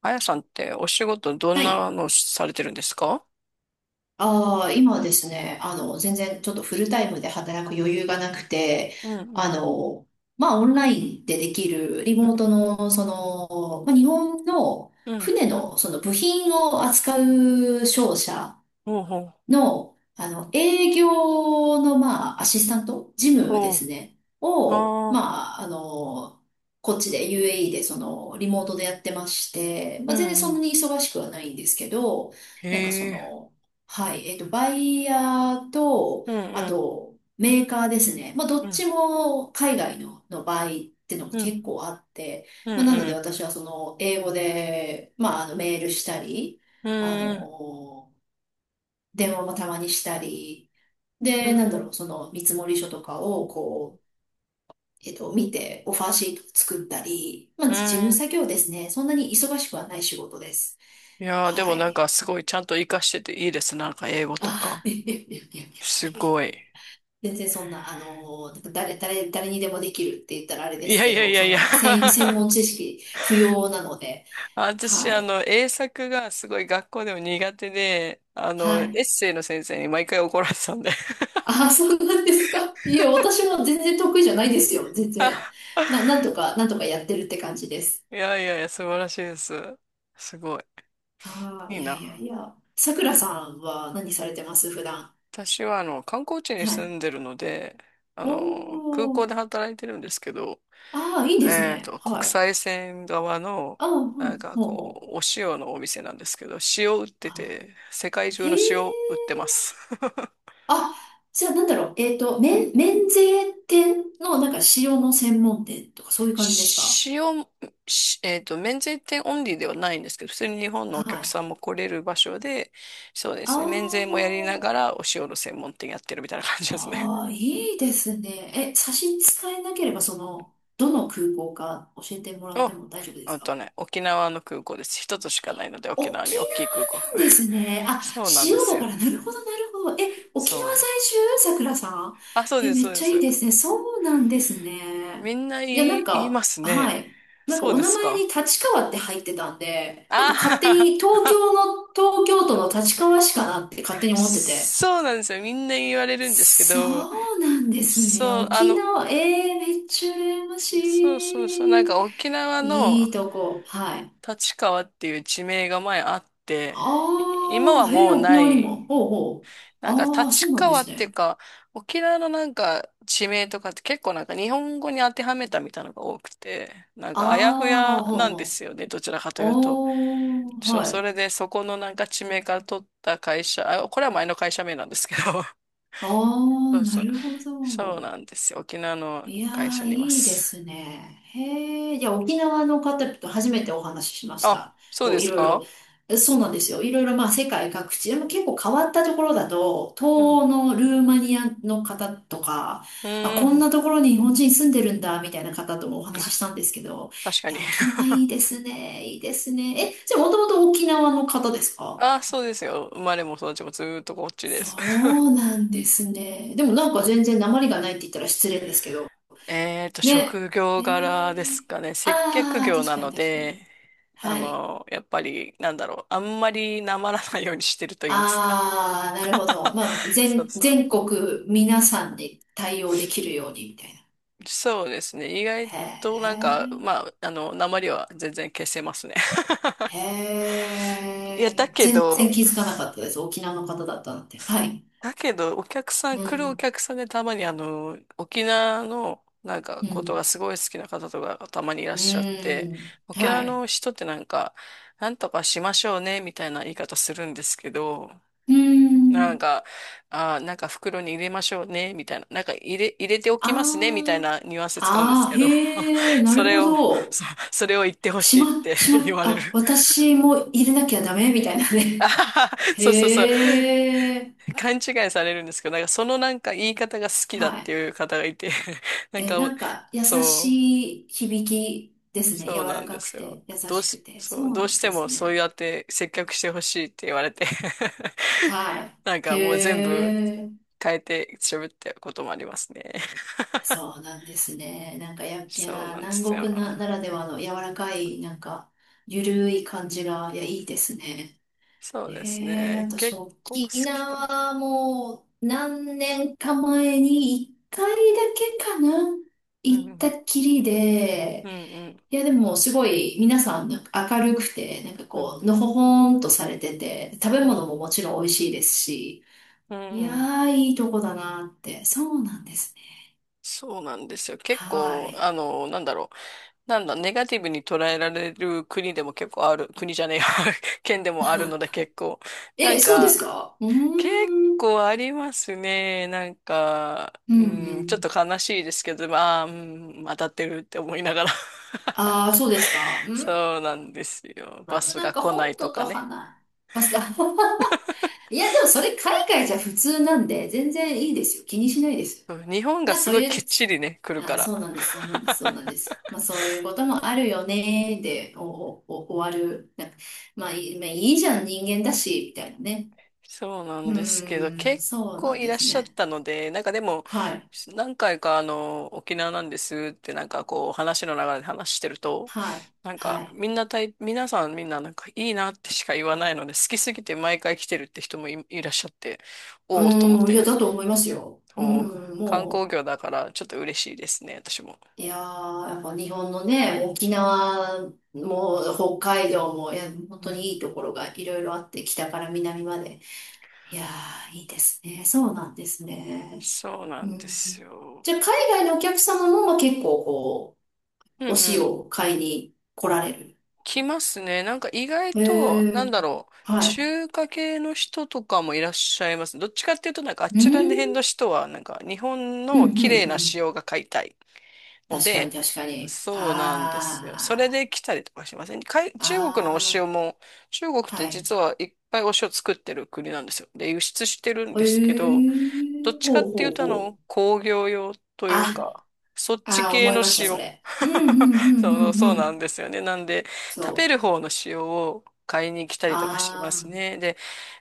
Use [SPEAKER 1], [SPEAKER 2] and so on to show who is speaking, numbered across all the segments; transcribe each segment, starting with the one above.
[SPEAKER 1] あやさんってお仕事どん
[SPEAKER 2] は
[SPEAKER 1] な
[SPEAKER 2] い。
[SPEAKER 1] のされてるんですか？
[SPEAKER 2] ああ、今はですね、全然ちょっとフルタイムで働く余裕がなくて、
[SPEAKER 1] うんう
[SPEAKER 2] あ
[SPEAKER 1] ん。
[SPEAKER 2] の、オンラインでできるリ
[SPEAKER 1] うん。
[SPEAKER 2] モートの、日本の
[SPEAKER 1] うん。
[SPEAKER 2] 船の、その部品を扱う商社
[SPEAKER 1] ほうほう。
[SPEAKER 2] の、営業の、まあ、アシスタント、事務
[SPEAKER 1] ほ
[SPEAKER 2] で
[SPEAKER 1] う。
[SPEAKER 2] すね、を、
[SPEAKER 1] はあ。
[SPEAKER 2] こっちで UAE で、その、リモートでやってまして、
[SPEAKER 1] う
[SPEAKER 2] まあ、
[SPEAKER 1] ん
[SPEAKER 2] 全然そ
[SPEAKER 1] う
[SPEAKER 2] んな
[SPEAKER 1] ん。
[SPEAKER 2] に忙しくはないんですけど、
[SPEAKER 1] へ
[SPEAKER 2] なんかそ
[SPEAKER 1] え。
[SPEAKER 2] の、はい、バイヤーと、
[SPEAKER 1] うん
[SPEAKER 2] あ
[SPEAKER 1] うん。
[SPEAKER 2] と、メーカーですね。まあ、ど
[SPEAKER 1] う
[SPEAKER 2] っ
[SPEAKER 1] ん。
[SPEAKER 2] ちも海外の、の場合ってのも
[SPEAKER 1] うん。
[SPEAKER 2] 結構あって、
[SPEAKER 1] うん
[SPEAKER 2] まあ、なの
[SPEAKER 1] う
[SPEAKER 2] で
[SPEAKER 1] ん。
[SPEAKER 2] 私はその、英語で、メールしたり、
[SPEAKER 1] う
[SPEAKER 2] あ
[SPEAKER 1] ん
[SPEAKER 2] の電話もたまにしたり、
[SPEAKER 1] う
[SPEAKER 2] で、
[SPEAKER 1] ん。
[SPEAKER 2] なんだろう、その見積書とかをこう、見て、オファーシート作ったり、ま
[SPEAKER 1] う
[SPEAKER 2] あ、事務
[SPEAKER 1] ん。
[SPEAKER 2] 作業ですね。そんなに忙しくはない仕事です。
[SPEAKER 1] いやー、でも
[SPEAKER 2] は
[SPEAKER 1] なん
[SPEAKER 2] い。
[SPEAKER 1] かすごいちゃんと活かしてていいです。なんか英語と
[SPEAKER 2] あ
[SPEAKER 1] か。
[SPEAKER 2] あ、いやいやいやいや
[SPEAKER 1] すごい。
[SPEAKER 2] 全然そんな、あの、なんか誰にでもできるって言ったらあれで
[SPEAKER 1] い
[SPEAKER 2] す
[SPEAKER 1] やい
[SPEAKER 2] け
[SPEAKER 1] やい
[SPEAKER 2] ど、
[SPEAKER 1] や
[SPEAKER 2] そ
[SPEAKER 1] い
[SPEAKER 2] ん
[SPEAKER 1] や
[SPEAKER 2] な専、専 門知識不要なので、
[SPEAKER 1] 私、
[SPEAKER 2] はい。
[SPEAKER 1] 英作がすごい学校でも苦手で、
[SPEAKER 2] は
[SPEAKER 1] エ
[SPEAKER 2] い。
[SPEAKER 1] ッセイの先生に毎回怒られてたんで
[SPEAKER 2] ああ、そうなんですか。いえ、私も全然得意じゃないですよ。全然。なんとかやってるって感じです。
[SPEAKER 1] いやいやいや、素晴らしいです。すごい。
[SPEAKER 2] ああ、
[SPEAKER 1] いい
[SPEAKER 2] いやい
[SPEAKER 1] な。
[SPEAKER 2] やいや。さくらさんは何されてます普段。
[SPEAKER 1] 私は、観光地に
[SPEAKER 2] は
[SPEAKER 1] 住
[SPEAKER 2] い。
[SPEAKER 1] んでるので、
[SPEAKER 2] お
[SPEAKER 1] 空港
[SPEAKER 2] お。
[SPEAKER 1] で働いてるんですけど、
[SPEAKER 2] ああ、いいですね。は
[SPEAKER 1] 国
[SPEAKER 2] い。
[SPEAKER 1] 際線側の、
[SPEAKER 2] ああ、うん、
[SPEAKER 1] なんか
[SPEAKER 2] ほう
[SPEAKER 1] こ
[SPEAKER 2] ほう。
[SPEAKER 1] う、お塩のお店なんですけど、塩売って
[SPEAKER 2] あ、
[SPEAKER 1] て、世界
[SPEAKER 2] へ
[SPEAKER 1] 中の
[SPEAKER 2] え。
[SPEAKER 1] 塩売ってます。
[SPEAKER 2] あ、じゃあなんだろう。えっと、免税店のなんか塩の専門店とかそういう感じですか？
[SPEAKER 1] 塩、しえっと、免税店オンリーではないんですけど、普通に日本のお
[SPEAKER 2] は
[SPEAKER 1] 客
[SPEAKER 2] い。
[SPEAKER 1] さんも来れる場所で、そうで
[SPEAKER 2] あ
[SPEAKER 1] すね、免税もやりな
[SPEAKER 2] ー
[SPEAKER 1] がらお塩の専門店やってるみたいな感じですね。
[SPEAKER 2] あー、いいですね。え、差し支えなければ、その、どの空港か教えてもらっ
[SPEAKER 1] お、
[SPEAKER 2] ても大丈夫です
[SPEAKER 1] あと
[SPEAKER 2] か？
[SPEAKER 1] ね、沖縄の空港です。一つしかないので、沖縄
[SPEAKER 2] 沖
[SPEAKER 1] に大きい空港。
[SPEAKER 2] 縄なん ですね。あ、
[SPEAKER 1] そうなんで
[SPEAKER 2] 塩
[SPEAKER 1] す
[SPEAKER 2] だ
[SPEAKER 1] よ。
[SPEAKER 2] から、なるほど、なるほど。え、沖縄
[SPEAKER 1] そ
[SPEAKER 2] 在
[SPEAKER 1] う。
[SPEAKER 2] 住さくらさ
[SPEAKER 1] あ、そう
[SPEAKER 2] ん。え、
[SPEAKER 1] です、
[SPEAKER 2] め
[SPEAKER 1] そ
[SPEAKER 2] っ
[SPEAKER 1] うで
[SPEAKER 2] ちゃいい
[SPEAKER 1] す。
[SPEAKER 2] ですね。そうなんですね。
[SPEAKER 1] みんな
[SPEAKER 2] いや、
[SPEAKER 1] 言
[SPEAKER 2] なん
[SPEAKER 1] い、言いま
[SPEAKER 2] か、
[SPEAKER 1] すね。
[SPEAKER 2] はい。なんか
[SPEAKER 1] そう
[SPEAKER 2] お
[SPEAKER 1] で
[SPEAKER 2] 名
[SPEAKER 1] す
[SPEAKER 2] 前に
[SPEAKER 1] か。
[SPEAKER 2] 立川って入ってたんで、なんか勝手
[SPEAKER 1] あ
[SPEAKER 2] に東
[SPEAKER 1] あ、
[SPEAKER 2] 京の、東京都の立川市かなって勝手 に思ってて。
[SPEAKER 1] そうなんですよ。みんな言われるんですけ
[SPEAKER 2] そ
[SPEAKER 1] ど、
[SPEAKER 2] うなんですね。
[SPEAKER 1] そう、
[SPEAKER 2] 沖縄、えー、めっちゃ羨まし
[SPEAKER 1] そうそうそう、なん
[SPEAKER 2] い。
[SPEAKER 1] か沖縄
[SPEAKER 2] いい
[SPEAKER 1] の
[SPEAKER 2] とこ。はい。
[SPEAKER 1] 立川っていう地名が前あって、今
[SPEAKER 2] あ
[SPEAKER 1] は
[SPEAKER 2] あ、へえ、
[SPEAKER 1] もう
[SPEAKER 2] 沖
[SPEAKER 1] な
[SPEAKER 2] 縄にも。
[SPEAKER 1] い。
[SPEAKER 2] ほうほう。
[SPEAKER 1] なんか
[SPEAKER 2] ああ、そう
[SPEAKER 1] 立
[SPEAKER 2] なんで
[SPEAKER 1] 川
[SPEAKER 2] す
[SPEAKER 1] っていう
[SPEAKER 2] ね。
[SPEAKER 1] か、沖縄のなんか地名とかって結構なんか日本語に当てはめたみたいなのが多くて、なん
[SPEAKER 2] あ
[SPEAKER 1] かあやふや
[SPEAKER 2] あ、ほう
[SPEAKER 1] なんで
[SPEAKER 2] ほ
[SPEAKER 1] すよね、どちらかというと。
[SPEAKER 2] う。ああ、
[SPEAKER 1] そう、
[SPEAKER 2] は
[SPEAKER 1] それ
[SPEAKER 2] い。
[SPEAKER 1] でそこのなんか地名から取った会社、あ、これは前の会社名なんですけど、
[SPEAKER 2] あ
[SPEAKER 1] そ
[SPEAKER 2] あ、
[SPEAKER 1] う
[SPEAKER 2] な
[SPEAKER 1] そう。
[SPEAKER 2] るほ
[SPEAKER 1] そう
[SPEAKER 2] ど。
[SPEAKER 1] なんですよ。沖縄の
[SPEAKER 2] いや
[SPEAKER 1] 会
[SPEAKER 2] ー、
[SPEAKER 1] 社にいま
[SPEAKER 2] いいで
[SPEAKER 1] す。
[SPEAKER 2] すね。へえ、いや、沖縄の方と初めてお話ししまし
[SPEAKER 1] あ、
[SPEAKER 2] た。
[SPEAKER 1] そう
[SPEAKER 2] こ
[SPEAKER 1] で
[SPEAKER 2] う、い
[SPEAKER 1] す
[SPEAKER 2] ろい
[SPEAKER 1] か？
[SPEAKER 2] ろ、えそうなんですよ。いろいろ、まあ、世界各地、でも結構変わったところだと、東
[SPEAKER 1] うん。
[SPEAKER 2] 欧のルーマニアの方とか、
[SPEAKER 1] う
[SPEAKER 2] あ、
[SPEAKER 1] ー
[SPEAKER 2] こん
[SPEAKER 1] ん。
[SPEAKER 2] なところに日本人住んでるんだ、みたいな方ともお話ししたんですけど、
[SPEAKER 1] 確か
[SPEAKER 2] い
[SPEAKER 1] に。
[SPEAKER 2] や、沖縄いいですね、いいですね。え、じゃあ、もともと沖縄の方ですか？
[SPEAKER 1] あ、そうですよ。生まれも育ちもずーっとこっちで
[SPEAKER 2] そ
[SPEAKER 1] す。
[SPEAKER 2] う なんですね。でもなん
[SPEAKER 1] そ
[SPEAKER 2] か全
[SPEAKER 1] う。
[SPEAKER 2] 然訛りがないって言ったら失礼ですけど、ね。
[SPEAKER 1] 職業柄で
[SPEAKER 2] へ
[SPEAKER 1] す
[SPEAKER 2] え。
[SPEAKER 1] かね。接客
[SPEAKER 2] ああ、
[SPEAKER 1] 業
[SPEAKER 2] 確
[SPEAKER 1] な
[SPEAKER 2] かに
[SPEAKER 1] の
[SPEAKER 2] 確か
[SPEAKER 1] で、
[SPEAKER 2] に。はい。
[SPEAKER 1] やっぱり、なんだろう、あんまりなまらないようにしてると言いますか。
[SPEAKER 2] ああ、なるほど。まあ、
[SPEAKER 1] そう
[SPEAKER 2] 全、
[SPEAKER 1] そう。
[SPEAKER 2] 全国皆さんで対応できるようにみたいな。
[SPEAKER 1] そうですね。意外
[SPEAKER 2] へ
[SPEAKER 1] となんか、
[SPEAKER 2] え。
[SPEAKER 1] なまりは全然消せますね。
[SPEAKER 2] へ
[SPEAKER 1] いや、
[SPEAKER 2] え。全然気づかなかったです。沖縄の方だったなんて。はい。
[SPEAKER 1] だけど、お客さん、
[SPEAKER 2] う
[SPEAKER 1] 来るお
[SPEAKER 2] ん。
[SPEAKER 1] 客さんでたまに沖縄のなんか
[SPEAKER 2] う
[SPEAKER 1] こと
[SPEAKER 2] ん。
[SPEAKER 1] がすごい好きな方とかたまにいらっ
[SPEAKER 2] う
[SPEAKER 1] しゃって、
[SPEAKER 2] ん。
[SPEAKER 1] 沖縄
[SPEAKER 2] は
[SPEAKER 1] の
[SPEAKER 2] い。
[SPEAKER 1] 人ってなんか、なんとかしましょうね、みたいな言い方するんですけど、
[SPEAKER 2] う
[SPEAKER 1] なん
[SPEAKER 2] ん。
[SPEAKER 1] か、なんか袋に入れましょうね、みたいな、入れておきますね、みたい
[SPEAKER 2] あ
[SPEAKER 1] なニュアンス使うんで
[SPEAKER 2] あ。
[SPEAKER 1] す
[SPEAKER 2] ああ、
[SPEAKER 1] けど、
[SPEAKER 2] へえ、な
[SPEAKER 1] そ
[SPEAKER 2] る
[SPEAKER 1] れ
[SPEAKER 2] ほ
[SPEAKER 1] を、
[SPEAKER 2] ど。
[SPEAKER 1] そ、それを言ってほしい
[SPEAKER 2] 島
[SPEAKER 1] って
[SPEAKER 2] 島
[SPEAKER 1] 言われる。
[SPEAKER 2] あ、私も入れなきゃダメみたいな
[SPEAKER 1] あ
[SPEAKER 2] ね。
[SPEAKER 1] はは、そうそうそう。
[SPEAKER 2] へえ、
[SPEAKER 1] 勘違いされるんですけど、なんかそのなんか言い方が好きだっ
[SPEAKER 2] は
[SPEAKER 1] て
[SPEAKER 2] い。
[SPEAKER 1] いう方がいて、なん
[SPEAKER 2] え、
[SPEAKER 1] か
[SPEAKER 2] な
[SPEAKER 1] お、
[SPEAKER 2] んか、優
[SPEAKER 1] そう、
[SPEAKER 2] しい響きですね。柔
[SPEAKER 1] そうな
[SPEAKER 2] ら
[SPEAKER 1] ん
[SPEAKER 2] か
[SPEAKER 1] で
[SPEAKER 2] く
[SPEAKER 1] すよ。
[SPEAKER 2] て、優
[SPEAKER 1] どう
[SPEAKER 2] しく
[SPEAKER 1] し、
[SPEAKER 2] て。
[SPEAKER 1] そ
[SPEAKER 2] そ
[SPEAKER 1] う、
[SPEAKER 2] う
[SPEAKER 1] どう
[SPEAKER 2] な
[SPEAKER 1] し
[SPEAKER 2] ん
[SPEAKER 1] て
[SPEAKER 2] で
[SPEAKER 1] も
[SPEAKER 2] す
[SPEAKER 1] そう
[SPEAKER 2] ね。
[SPEAKER 1] やって接客してほしいって言われて
[SPEAKER 2] は
[SPEAKER 1] なん
[SPEAKER 2] い。へ
[SPEAKER 1] かもう全部
[SPEAKER 2] え、
[SPEAKER 1] 変えて喋ってることもありますね。
[SPEAKER 2] そうなんですね。なんかや、い
[SPEAKER 1] そう
[SPEAKER 2] や、
[SPEAKER 1] なんで
[SPEAKER 2] 南
[SPEAKER 1] すよ。
[SPEAKER 2] 国な、ならではの柔らかい、なんか、ゆるい感じが、いや、いいですね。
[SPEAKER 1] そ
[SPEAKER 2] へ
[SPEAKER 1] うです
[SPEAKER 2] え、
[SPEAKER 1] ね。
[SPEAKER 2] 私、
[SPEAKER 1] 結構好
[SPEAKER 2] 沖
[SPEAKER 1] きかな。
[SPEAKER 2] 縄も、何年か前に、一回だけかな、
[SPEAKER 1] うんう
[SPEAKER 2] 行った
[SPEAKER 1] ん。
[SPEAKER 2] っきり
[SPEAKER 1] う
[SPEAKER 2] で、
[SPEAKER 1] んうん。
[SPEAKER 2] いや、でも、すごい、皆さん、なんか明るくて、なんかこう、のほほんとされてて、食べ
[SPEAKER 1] うんう
[SPEAKER 2] 物
[SPEAKER 1] ん。
[SPEAKER 2] ももちろん美味しいですし、
[SPEAKER 1] うん
[SPEAKER 2] いや
[SPEAKER 1] うん。
[SPEAKER 2] ー、いいとこだなって。そうなんですね。
[SPEAKER 1] そうなんですよ。結
[SPEAKER 2] は
[SPEAKER 1] 構、
[SPEAKER 2] い。
[SPEAKER 1] なんだろう。なんだ、ネガティブに捉えられる国でも結構ある、国じゃねえや、県でもあるの で結構。な
[SPEAKER 2] え、
[SPEAKER 1] ん
[SPEAKER 2] そうです
[SPEAKER 1] か、
[SPEAKER 2] か？うー
[SPEAKER 1] 結
[SPEAKER 2] ん。
[SPEAKER 1] 構ありますね。なんか、
[SPEAKER 2] うん
[SPEAKER 1] う
[SPEAKER 2] う
[SPEAKER 1] ん、ちょっ
[SPEAKER 2] ん。
[SPEAKER 1] と悲しいですけど、まあ、うん、当たってるって思いながら。
[SPEAKER 2] ああ、そうですか。うん。
[SPEAKER 1] そうなんですよ。
[SPEAKER 2] まあ、
[SPEAKER 1] バ
[SPEAKER 2] でも
[SPEAKER 1] ス
[SPEAKER 2] なん
[SPEAKER 1] が
[SPEAKER 2] か、
[SPEAKER 1] 来ない
[SPEAKER 2] 本
[SPEAKER 1] と
[SPEAKER 2] 土
[SPEAKER 1] か
[SPEAKER 2] と
[SPEAKER 1] ね。
[SPEAKER 2] 花、ますか？ いや、でもそれ海外じゃ普通なんで、全然いいですよ。気にしないです。
[SPEAKER 1] うん。日本が
[SPEAKER 2] な、
[SPEAKER 1] す
[SPEAKER 2] そう
[SPEAKER 1] ごい
[SPEAKER 2] い
[SPEAKER 1] きっ
[SPEAKER 2] う
[SPEAKER 1] ちりね、来るか
[SPEAKER 2] あ、
[SPEAKER 1] ら。
[SPEAKER 2] そうなんです、そうなんです、そうなん です。まあ、そういうこともあるよね、で、お終わる。なんかまあ、いい、まあ、いいじゃん、人間だし、みたいなね。
[SPEAKER 1] そうなん
[SPEAKER 2] う
[SPEAKER 1] ですけど、
[SPEAKER 2] ーん、
[SPEAKER 1] 結
[SPEAKER 2] そうな
[SPEAKER 1] 構
[SPEAKER 2] ん
[SPEAKER 1] い
[SPEAKER 2] で
[SPEAKER 1] らっ
[SPEAKER 2] す
[SPEAKER 1] しゃっ
[SPEAKER 2] ね。
[SPEAKER 1] たので、なんかでも、
[SPEAKER 2] はい、
[SPEAKER 1] 何回か沖縄なんですってなんかこう、話の流れで話してると、
[SPEAKER 2] はい、
[SPEAKER 1] なん
[SPEAKER 2] は
[SPEAKER 1] か
[SPEAKER 2] い。
[SPEAKER 1] みんなたい、皆さんみんななんかいいなってしか言わないので、好きすぎて毎回来てるって人もいらっしゃって、
[SPEAKER 2] う
[SPEAKER 1] おおと思っ
[SPEAKER 2] ーん、いや、
[SPEAKER 1] て、
[SPEAKER 2] だと思いますよ。う
[SPEAKER 1] もう
[SPEAKER 2] ーん、
[SPEAKER 1] 観光
[SPEAKER 2] も
[SPEAKER 1] 業だからちょっと嬉しいですね、私も。
[SPEAKER 2] う、いやー、やっぱ日本のね、沖縄も北海道も、いや、本
[SPEAKER 1] う
[SPEAKER 2] 当
[SPEAKER 1] ん、
[SPEAKER 2] にいいところがいろいろあって、北から南まで。いやー、いいですね。そうなんですね。
[SPEAKER 1] そうな
[SPEAKER 2] う
[SPEAKER 1] んで
[SPEAKER 2] ん。
[SPEAKER 1] すよ。
[SPEAKER 2] じゃあ、海外のお客様も、まあ、結構、こ
[SPEAKER 1] う
[SPEAKER 2] う、お塩
[SPEAKER 1] ん。
[SPEAKER 2] を買いに来られる。
[SPEAKER 1] 来ますね。なんか意外
[SPEAKER 2] へ
[SPEAKER 1] と、なん
[SPEAKER 2] え、
[SPEAKER 1] だろう、
[SPEAKER 2] はい。
[SPEAKER 1] 中華系の人とかもいらっしゃいます。どっちかっていうと、なんかあ
[SPEAKER 2] う
[SPEAKER 1] ちら辺
[SPEAKER 2] ん、
[SPEAKER 1] の人は、なんか日本
[SPEAKER 2] うん、
[SPEAKER 1] の
[SPEAKER 2] うん、
[SPEAKER 1] 綺麗
[SPEAKER 2] う
[SPEAKER 1] な
[SPEAKER 2] ん。
[SPEAKER 1] 塩が買いたいの
[SPEAKER 2] 確かに、
[SPEAKER 1] で、
[SPEAKER 2] 確かに。
[SPEAKER 1] そうなんですよ。それ
[SPEAKER 2] あ
[SPEAKER 1] で来たりとかしません。中国のお
[SPEAKER 2] あ、
[SPEAKER 1] 塩
[SPEAKER 2] あ
[SPEAKER 1] も、中国っ
[SPEAKER 2] あ、は
[SPEAKER 1] て
[SPEAKER 2] い。
[SPEAKER 1] 実はいっぱいお塩作ってる国なんですよ。で、輸出してるん
[SPEAKER 2] へ
[SPEAKER 1] ですけど、どっ
[SPEAKER 2] え、
[SPEAKER 1] ちか
[SPEAKER 2] ほ
[SPEAKER 1] っ
[SPEAKER 2] う
[SPEAKER 1] ていう
[SPEAKER 2] ほう
[SPEAKER 1] と、
[SPEAKER 2] ほう。
[SPEAKER 1] 工業用という
[SPEAKER 2] あ、
[SPEAKER 1] か、そっち
[SPEAKER 2] ああ、
[SPEAKER 1] 系
[SPEAKER 2] 思い
[SPEAKER 1] の
[SPEAKER 2] ました、そ
[SPEAKER 1] 塩。
[SPEAKER 2] れ。うん、うん、う ん、う
[SPEAKER 1] そう、
[SPEAKER 2] ん、
[SPEAKER 1] そ
[SPEAKER 2] う
[SPEAKER 1] うな
[SPEAKER 2] ん。
[SPEAKER 1] んですよね。なんで、食
[SPEAKER 2] そ
[SPEAKER 1] べ
[SPEAKER 2] う。
[SPEAKER 1] る方の塩を買いに来たりとかしてま
[SPEAKER 2] あ
[SPEAKER 1] すね。で、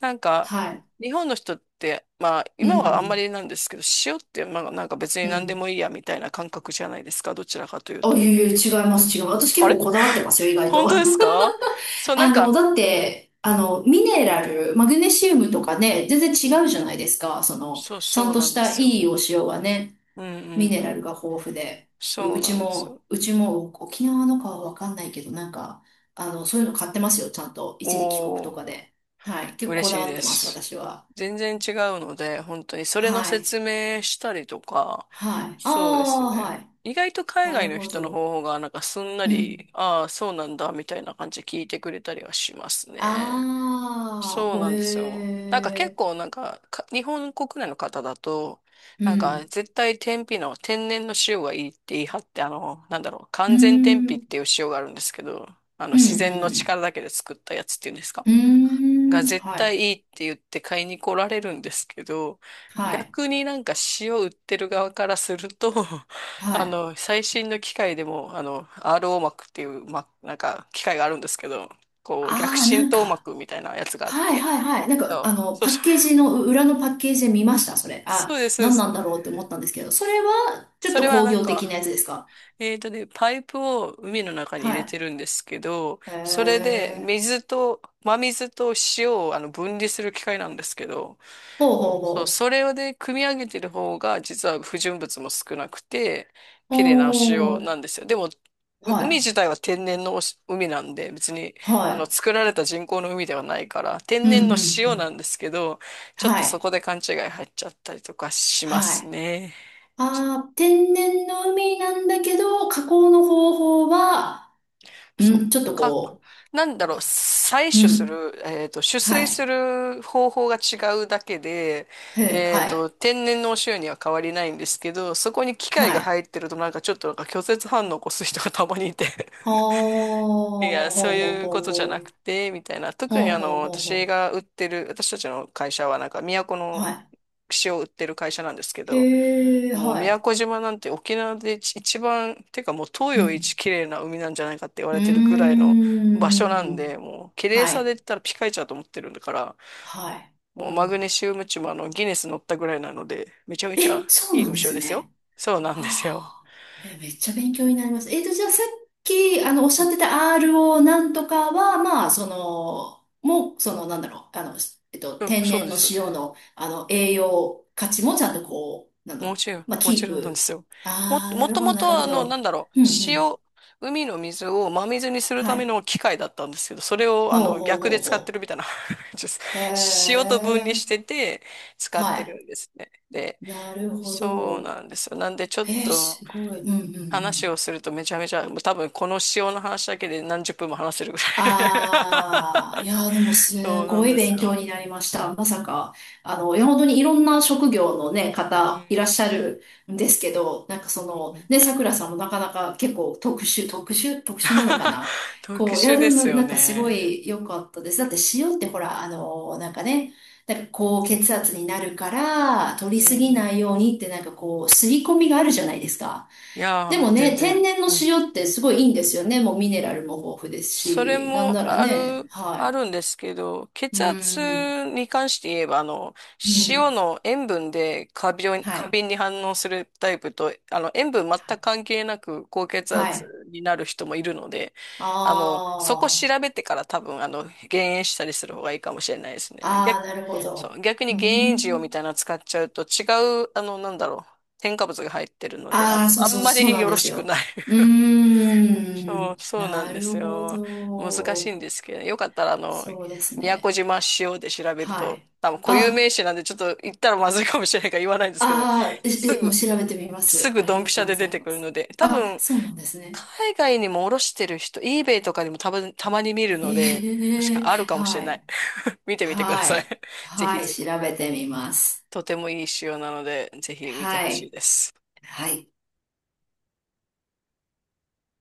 [SPEAKER 1] なん
[SPEAKER 2] あ、
[SPEAKER 1] か、
[SPEAKER 2] はい。
[SPEAKER 1] 日本の人って、まあ、
[SPEAKER 2] う
[SPEAKER 1] 今はあんま
[SPEAKER 2] ん、
[SPEAKER 1] りなんですけど、塩って、まあ、なんか別に
[SPEAKER 2] うん、う
[SPEAKER 1] 何で
[SPEAKER 2] ん。
[SPEAKER 1] もいいやみたいな感覚じゃないですか、どちらかという
[SPEAKER 2] あ、い
[SPEAKER 1] と。
[SPEAKER 2] えいえ、違います、違う。私
[SPEAKER 1] あ
[SPEAKER 2] 結構
[SPEAKER 1] れ、
[SPEAKER 2] こだわってますよ、意外
[SPEAKER 1] 本
[SPEAKER 2] と。
[SPEAKER 1] 当です か？そう、な
[SPEAKER 2] あ
[SPEAKER 1] ん
[SPEAKER 2] の、
[SPEAKER 1] か、
[SPEAKER 2] だって、
[SPEAKER 1] う
[SPEAKER 2] あ
[SPEAKER 1] ん、
[SPEAKER 2] の、ミネラル、マグネシウムとかね、全然
[SPEAKER 1] うん、
[SPEAKER 2] 違うじゃないですか。その、
[SPEAKER 1] そう、
[SPEAKER 2] ちゃ
[SPEAKER 1] そ
[SPEAKER 2] ん
[SPEAKER 1] う
[SPEAKER 2] と
[SPEAKER 1] な
[SPEAKER 2] し
[SPEAKER 1] んで
[SPEAKER 2] た
[SPEAKER 1] す
[SPEAKER 2] い
[SPEAKER 1] よ。
[SPEAKER 2] いお塩はね、
[SPEAKER 1] うん、
[SPEAKER 2] ミ
[SPEAKER 1] うん、
[SPEAKER 2] ネ
[SPEAKER 1] う
[SPEAKER 2] ラル
[SPEAKER 1] ん。
[SPEAKER 2] が豊富で。う
[SPEAKER 1] そ
[SPEAKER 2] う
[SPEAKER 1] う
[SPEAKER 2] ち
[SPEAKER 1] なんですよ。
[SPEAKER 2] も、うちも沖縄のかはわかんないけど、なんか、あの、そういうの買ってますよ、ちゃんと。一時帰国と
[SPEAKER 1] おー。
[SPEAKER 2] かで。はい。結構
[SPEAKER 1] 嬉
[SPEAKER 2] こだ
[SPEAKER 1] しい
[SPEAKER 2] わっ
[SPEAKER 1] で
[SPEAKER 2] てます、
[SPEAKER 1] す。
[SPEAKER 2] 私は。
[SPEAKER 1] 全然違うので、本当にそれの
[SPEAKER 2] はい。
[SPEAKER 1] 説明したりとか、
[SPEAKER 2] はい。あ
[SPEAKER 1] そうです
[SPEAKER 2] あ、
[SPEAKER 1] ね。
[SPEAKER 2] はい。
[SPEAKER 1] 意外と海
[SPEAKER 2] な
[SPEAKER 1] 外
[SPEAKER 2] る
[SPEAKER 1] の
[SPEAKER 2] ほ
[SPEAKER 1] 人の
[SPEAKER 2] ど。
[SPEAKER 1] 方法がなんかすんな
[SPEAKER 2] うん。
[SPEAKER 1] り、ああ、そうなんだ、みたいな感じで聞いてくれたりはしますね。
[SPEAKER 2] ああ、
[SPEAKER 1] そう
[SPEAKER 2] ほ
[SPEAKER 1] なんですよ。なんか結
[SPEAKER 2] え
[SPEAKER 1] 構なんか、日本国内の方だと、
[SPEAKER 2] ー。う
[SPEAKER 1] なんか
[SPEAKER 2] ん。
[SPEAKER 1] 絶対天日の天然の塩がいいって言い張って、なんだろう、
[SPEAKER 2] うー
[SPEAKER 1] 完全天
[SPEAKER 2] ん。う
[SPEAKER 1] 日っ
[SPEAKER 2] ん、
[SPEAKER 1] ていう塩があるんですけど、あの
[SPEAKER 2] うん、う
[SPEAKER 1] 自然の力
[SPEAKER 2] ん。
[SPEAKER 1] だけで作ったやつっていうんですか、
[SPEAKER 2] うー
[SPEAKER 1] が
[SPEAKER 2] ん、
[SPEAKER 1] 絶
[SPEAKER 2] は
[SPEAKER 1] 対
[SPEAKER 2] い、
[SPEAKER 1] いいって言って買いに来られるんですけど、
[SPEAKER 2] はい、
[SPEAKER 1] 逆になんか塩売ってる側からすると、
[SPEAKER 2] はい。
[SPEAKER 1] 最新の機械でも、RO 膜っていう、なんか機械があるんですけど、こう、逆
[SPEAKER 2] ああ、な
[SPEAKER 1] 浸
[SPEAKER 2] ん
[SPEAKER 1] 透
[SPEAKER 2] か、
[SPEAKER 1] 膜みたいなやつがあっ
[SPEAKER 2] はい
[SPEAKER 1] て、
[SPEAKER 2] はいはい。なんか、
[SPEAKER 1] そ
[SPEAKER 2] あ
[SPEAKER 1] う
[SPEAKER 2] の、
[SPEAKER 1] そう
[SPEAKER 2] パッ
[SPEAKER 1] そう、
[SPEAKER 2] ケージの、う裏のパッケージで見ました、それ。
[SPEAKER 1] そ
[SPEAKER 2] あ、
[SPEAKER 1] うです、そうで
[SPEAKER 2] 何なん
[SPEAKER 1] す。
[SPEAKER 2] だろうって思ったんですけど、それは、ちょっ
[SPEAKER 1] それ
[SPEAKER 2] と
[SPEAKER 1] は
[SPEAKER 2] 工
[SPEAKER 1] なん
[SPEAKER 2] 業的な
[SPEAKER 1] か、
[SPEAKER 2] やつですか？
[SPEAKER 1] パイプを海の中に入
[SPEAKER 2] は
[SPEAKER 1] れ
[SPEAKER 2] い。
[SPEAKER 1] てるんですけど、
[SPEAKER 2] へえ
[SPEAKER 1] それで
[SPEAKER 2] ー、
[SPEAKER 1] 水と、真水と塩を分離する機械なんですけど、
[SPEAKER 2] ほうほう
[SPEAKER 1] そう、
[SPEAKER 2] ほ
[SPEAKER 1] それで組み上げてる方が実は不純物も少なくて
[SPEAKER 2] う。
[SPEAKER 1] 綺麗なお
[SPEAKER 2] お
[SPEAKER 1] 塩
[SPEAKER 2] ー、
[SPEAKER 1] なんですよ。で、もう
[SPEAKER 2] は
[SPEAKER 1] 海
[SPEAKER 2] い、
[SPEAKER 1] 自体は天然の海なんで、別に
[SPEAKER 2] は
[SPEAKER 1] 作られた人工の海ではないから
[SPEAKER 2] い。
[SPEAKER 1] 天
[SPEAKER 2] うん、
[SPEAKER 1] 然の
[SPEAKER 2] うん、う
[SPEAKER 1] 塩
[SPEAKER 2] ん。
[SPEAKER 1] なんですけど、ちょっと
[SPEAKER 2] は
[SPEAKER 1] そ
[SPEAKER 2] い、
[SPEAKER 1] こで勘違い入っちゃったりとかしま
[SPEAKER 2] は
[SPEAKER 1] す
[SPEAKER 2] い。
[SPEAKER 1] ね。
[SPEAKER 2] ああ、天然の海なんだけど、加工の方法は、う
[SPEAKER 1] そっ
[SPEAKER 2] ん、ちょっと
[SPEAKER 1] か。
[SPEAKER 2] こ
[SPEAKER 1] なんだろう、採
[SPEAKER 2] う、
[SPEAKER 1] 取
[SPEAKER 2] う
[SPEAKER 1] す
[SPEAKER 2] ん、
[SPEAKER 1] る、取
[SPEAKER 2] は
[SPEAKER 1] 水す
[SPEAKER 2] い、
[SPEAKER 1] る方法が違うだけで、
[SPEAKER 2] へえ、はい、
[SPEAKER 1] 天然のお塩には変わりないんですけど、そこに機械
[SPEAKER 2] は
[SPEAKER 1] が
[SPEAKER 2] い。
[SPEAKER 1] 入ってるとなんかちょっとなんか拒絶反応を起こす人がたまにいて、
[SPEAKER 2] はあ、
[SPEAKER 1] いや、そう
[SPEAKER 2] ほうほう
[SPEAKER 1] いう
[SPEAKER 2] ほ
[SPEAKER 1] こ
[SPEAKER 2] う
[SPEAKER 1] とじゃな
[SPEAKER 2] ほ
[SPEAKER 1] く
[SPEAKER 2] う。
[SPEAKER 1] て、みたいな。
[SPEAKER 2] ほ
[SPEAKER 1] 特に
[SPEAKER 2] うほうほう
[SPEAKER 1] 私
[SPEAKER 2] ほ
[SPEAKER 1] が売ってる、私たちの会社はなんか、宮古
[SPEAKER 2] う。
[SPEAKER 1] の
[SPEAKER 2] は
[SPEAKER 1] 串を売ってる会社なんですけ
[SPEAKER 2] い。
[SPEAKER 1] ど、
[SPEAKER 2] へえ、
[SPEAKER 1] もう
[SPEAKER 2] は
[SPEAKER 1] 宮
[SPEAKER 2] い。
[SPEAKER 1] 古島なんて沖縄で一番、てかもう東
[SPEAKER 2] う
[SPEAKER 1] 洋一
[SPEAKER 2] ん。
[SPEAKER 1] 綺麗な海なんじゃないかって言わ
[SPEAKER 2] う
[SPEAKER 1] れ
[SPEAKER 2] ー
[SPEAKER 1] てるぐらいの場所なん
[SPEAKER 2] ん。
[SPEAKER 1] で、もう綺麗
[SPEAKER 2] は
[SPEAKER 1] さ
[SPEAKER 2] い。
[SPEAKER 1] で言ったらピカイチだと思ってるんだから、
[SPEAKER 2] はい。
[SPEAKER 1] もう
[SPEAKER 2] お
[SPEAKER 1] マ
[SPEAKER 2] ー
[SPEAKER 1] グネシウムチもギネス乗ったぐらいなので、めちゃめち
[SPEAKER 2] え、
[SPEAKER 1] ゃ
[SPEAKER 2] そう
[SPEAKER 1] いい
[SPEAKER 2] なん
[SPEAKER 1] お
[SPEAKER 2] で
[SPEAKER 1] 塩
[SPEAKER 2] す
[SPEAKER 1] ですよ。
[SPEAKER 2] ね。
[SPEAKER 1] そうなん
[SPEAKER 2] は
[SPEAKER 1] ですよ。
[SPEAKER 2] あ、え、めっちゃ勉強になります。えっと、じゃあさっき、あの、おっし
[SPEAKER 1] う
[SPEAKER 2] ゃ
[SPEAKER 1] ん。
[SPEAKER 2] ってた RO なんとかは、まあ、その、もう、その、なんだろう、あの、
[SPEAKER 1] そう
[SPEAKER 2] 天
[SPEAKER 1] そう
[SPEAKER 2] 然
[SPEAKER 1] で
[SPEAKER 2] の
[SPEAKER 1] す。
[SPEAKER 2] 塩の、あの、栄養価値もちゃんとこう、なんだろ
[SPEAKER 1] も
[SPEAKER 2] う、
[SPEAKER 1] ちろん、
[SPEAKER 2] まあ、
[SPEAKER 1] も
[SPEAKER 2] キ
[SPEAKER 1] ち
[SPEAKER 2] ー
[SPEAKER 1] ろんなんで
[SPEAKER 2] プ。
[SPEAKER 1] すよ。
[SPEAKER 2] ああ、な
[SPEAKER 1] も
[SPEAKER 2] る
[SPEAKER 1] と
[SPEAKER 2] ほど、
[SPEAKER 1] も
[SPEAKER 2] なる
[SPEAKER 1] と、
[SPEAKER 2] ほ
[SPEAKER 1] なん
[SPEAKER 2] ど。
[SPEAKER 1] だろう、
[SPEAKER 2] うん、うん。
[SPEAKER 1] 塩、海の水を真水にする
[SPEAKER 2] は
[SPEAKER 1] ため
[SPEAKER 2] い。
[SPEAKER 1] の機械だったんですけど、それを、
[SPEAKER 2] ほうほう
[SPEAKER 1] 逆
[SPEAKER 2] ほ
[SPEAKER 1] で
[SPEAKER 2] う
[SPEAKER 1] 使って
[SPEAKER 2] ほ
[SPEAKER 1] るみたいな。ちょっと
[SPEAKER 2] う。へ
[SPEAKER 1] 塩と分離
[SPEAKER 2] え。
[SPEAKER 1] してて、使っ
[SPEAKER 2] は
[SPEAKER 1] て
[SPEAKER 2] い。
[SPEAKER 1] るんですね。で、
[SPEAKER 2] なるほ
[SPEAKER 1] そう
[SPEAKER 2] ど。
[SPEAKER 1] なんですよ。なんで、ちょっ
[SPEAKER 2] へえ、
[SPEAKER 1] と、
[SPEAKER 2] すごい。うん、うん、う
[SPEAKER 1] 話
[SPEAKER 2] ん。
[SPEAKER 1] をするとめちゃめちゃ、もう多分この塩の話だけで何十分も話せるぐらい。
[SPEAKER 2] ああ、いやー、でも
[SPEAKER 1] そ
[SPEAKER 2] す
[SPEAKER 1] うな
[SPEAKER 2] ご
[SPEAKER 1] ん
[SPEAKER 2] い
[SPEAKER 1] です
[SPEAKER 2] 勉強
[SPEAKER 1] よ。
[SPEAKER 2] になりました。まさか、あの、いや、本当にいろんな職業のね、
[SPEAKER 1] う
[SPEAKER 2] 方いら
[SPEAKER 1] ん。
[SPEAKER 2] っしゃるんですけど、なんかそ
[SPEAKER 1] うん
[SPEAKER 2] の、
[SPEAKER 1] うん。
[SPEAKER 2] ね、桜さんもなかなか結構特殊なのかな。
[SPEAKER 1] 特
[SPEAKER 2] こう、いや、
[SPEAKER 1] 殊で
[SPEAKER 2] でも
[SPEAKER 1] すよ
[SPEAKER 2] なんかすご
[SPEAKER 1] ね。
[SPEAKER 2] い良かったです。だって塩ってほら、あの、なんかね、なんか高血圧になるから、取
[SPEAKER 1] う
[SPEAKER 2] りすぎ
[SPEAKER 1] ん。
[SPEAKER 2] ないようにってなんかこう、刷り込みがあるじゃないですか。
[SPEAKER 1] い
[SPEAKER 2] で
[SPEAKER 1] やー、
[SPEAKER 2] も
[SPEAKER 1] 全
[SPEAKER 2] ね、天
[SPEAKER 1] 然。
[SPEAKER 2] 然の
[SPEAKER 1] うん。
[SPEAKER 2] 塩ってすごいいいんですよね。もうミネラルも豊富です
[SPEAKER 1] それ
[SPEAKER 2] し、なん
[SPEAKER 1] も
[SPEAKER 2] ならね、は
[SPEAKER 1] あ
[SPEAKER 2] い。
[SPEAKER 1] るんですけど、
[SPEAKER 2] う
[SPEAKER 1] 血
[SPEAKER 2] ー
[SPEAKER 1] 圧
[SPEAKER 2] ん、
[SPEAKER 1] に関して言えば、
[SPEAKER 2] う
[SPEAKER 1] 塩
[SPEAKER 2] ん、
[SPEAKER 1] の塩分で
[SPEAKER 2] は
[SPEAKER 1] 過
[SPEAKER 2] い、
[SPEAKER 1] 敏に反応するタイプと、塩分全
[SPEAKER 2] は
[SPEAKER 1] く
[SPEAKER 2] い。
[SPEAKER 1] 関係なく高血
[SPEAKER 2] は
[SPEAKER 1] 圧
[SPEAKER 2] い
[SPEAKER 1] になる人もいるので、
[SPEAKER 2] あ
[SPEAKER 1] そこ調
[SPEAKER 2] ー、
[SPEAKER 1] べてから多分、減塩したりする方がいいかもしれないですね。
[SPEAKER 2] あー、なるほ
[SPEAKER 1] そ
[SPEAKER 2] ど。
[SPEAKER 1] う、逆に
[SPEAKER 2] うー
[SPEAKER 1] 減塩塩み
[SPEAKER 2] ん、
[SPEAKER 1] たいなの使っちゃうと違う。なんだろう、添加物が入ってるので、あ、
[SPEAKER 2] あー、そう
[SPEAKER 1] あ
[SPEAKER 2] そ
[SPEAKER 1] ん
[SPEAKER 2] う、
[SPEAKER 1] ま
[SPEAKER 2] そう
[SPEAKER 1] り
[SPEAKER 2] なん
[SPEAKER 1] よろ
[SPEAKER 2] です
[SPEAKER 1] しく
[SPEAKER 2] よ。
[SPEAKER 1] ない。
[SPEAKER 2] うー
[SPEAKER 1] そう、
[SPEAKER 2] ん、
[SPEAKER 1] そうなん
[SPEAKER 2] な
[SPEAKER 1] で
[SPEAKER 2] る
[SPEAKER 1] す
[SPEAKER 2] ほ
[SPEAKER 1] よ。難しい
[SPEAKER 2] ど。
[SPEAKER 1] んですけど、よかったら
[SPEAKER 2] そうです
[SPEAKER 1] 宮古
[SPEAKER 2] ね。
[SPEAKER 1] 島塩で調べる
[SPEAKER 2] は
[SPEAKER 1] と、
[SPEAKER 2] い。
[SPEAKER 1] 多分固有名
[SPEAKER 2] あ、
[SPEAKER 1] 詞なんでちょっと言ったらまずいかもしれないから言わないんですけど、
[SPEAKER 2] あー、
[SPEAKER 1] す
[SPEAKER 2] え、えもう
[SPEAKER 1] ぐ、
[SPEAKER 2] 調べてみま
[SPEAKER 1] す
[SPEAKER 2] す。
[SPEAKER 1] ぐ
[SPEAKER 2] あり
[SPEAKER 1] ドン
[SPEAKER 2] が
[SPEAKER 1] ピシ
[SPEAKER 2] と
[SPEAKER 1] ャ
[SPEAKER 2] うご
[SPEAKER 1] で出
[SPEAKER 2] ざい
[SPEAKER 1] て
[SPEAKER 2] ま
[SPEAKER 1] くる
[SPEAKER 2] す。
[SPEAKER 1] ので、多
[SPEAKER 2] あ、
[SPEAKER 1] 分、
[SPEAKER 2] そうなんですね。
[SPEAKER 1] 海外にも卸してる人、eBay とかにも多分、たまに見るので、確
[SPEAKER 2] ええ
[SPEAKER 1] かあるかもしれ
[SPEAKER 2] は
[SPEAKER 1] な
[SPEAKER 2] い。
[SPEAKER 1] い。見てみてくだ
[SPEAKER 2] は
[SPEAKER 1] さい。
[SPEAKER 2] い。
[SPEAKER 1] ぜひ
[SPEAKER 2] はい。
[SPEAKER 1] ぜ
[SPEAKER 2] 調
[SPEAKER 1] ひ。
[SPEAKER 2] べてみます。
[SPEAKER 1] とてもいい塩なので、ぜひ見て
[SPEAKER 2] は
[SPEAKER 1] ほしい
[SPEAKER 2] い。
[SPEAKER 1] です。
[SPEAKER 2] はい。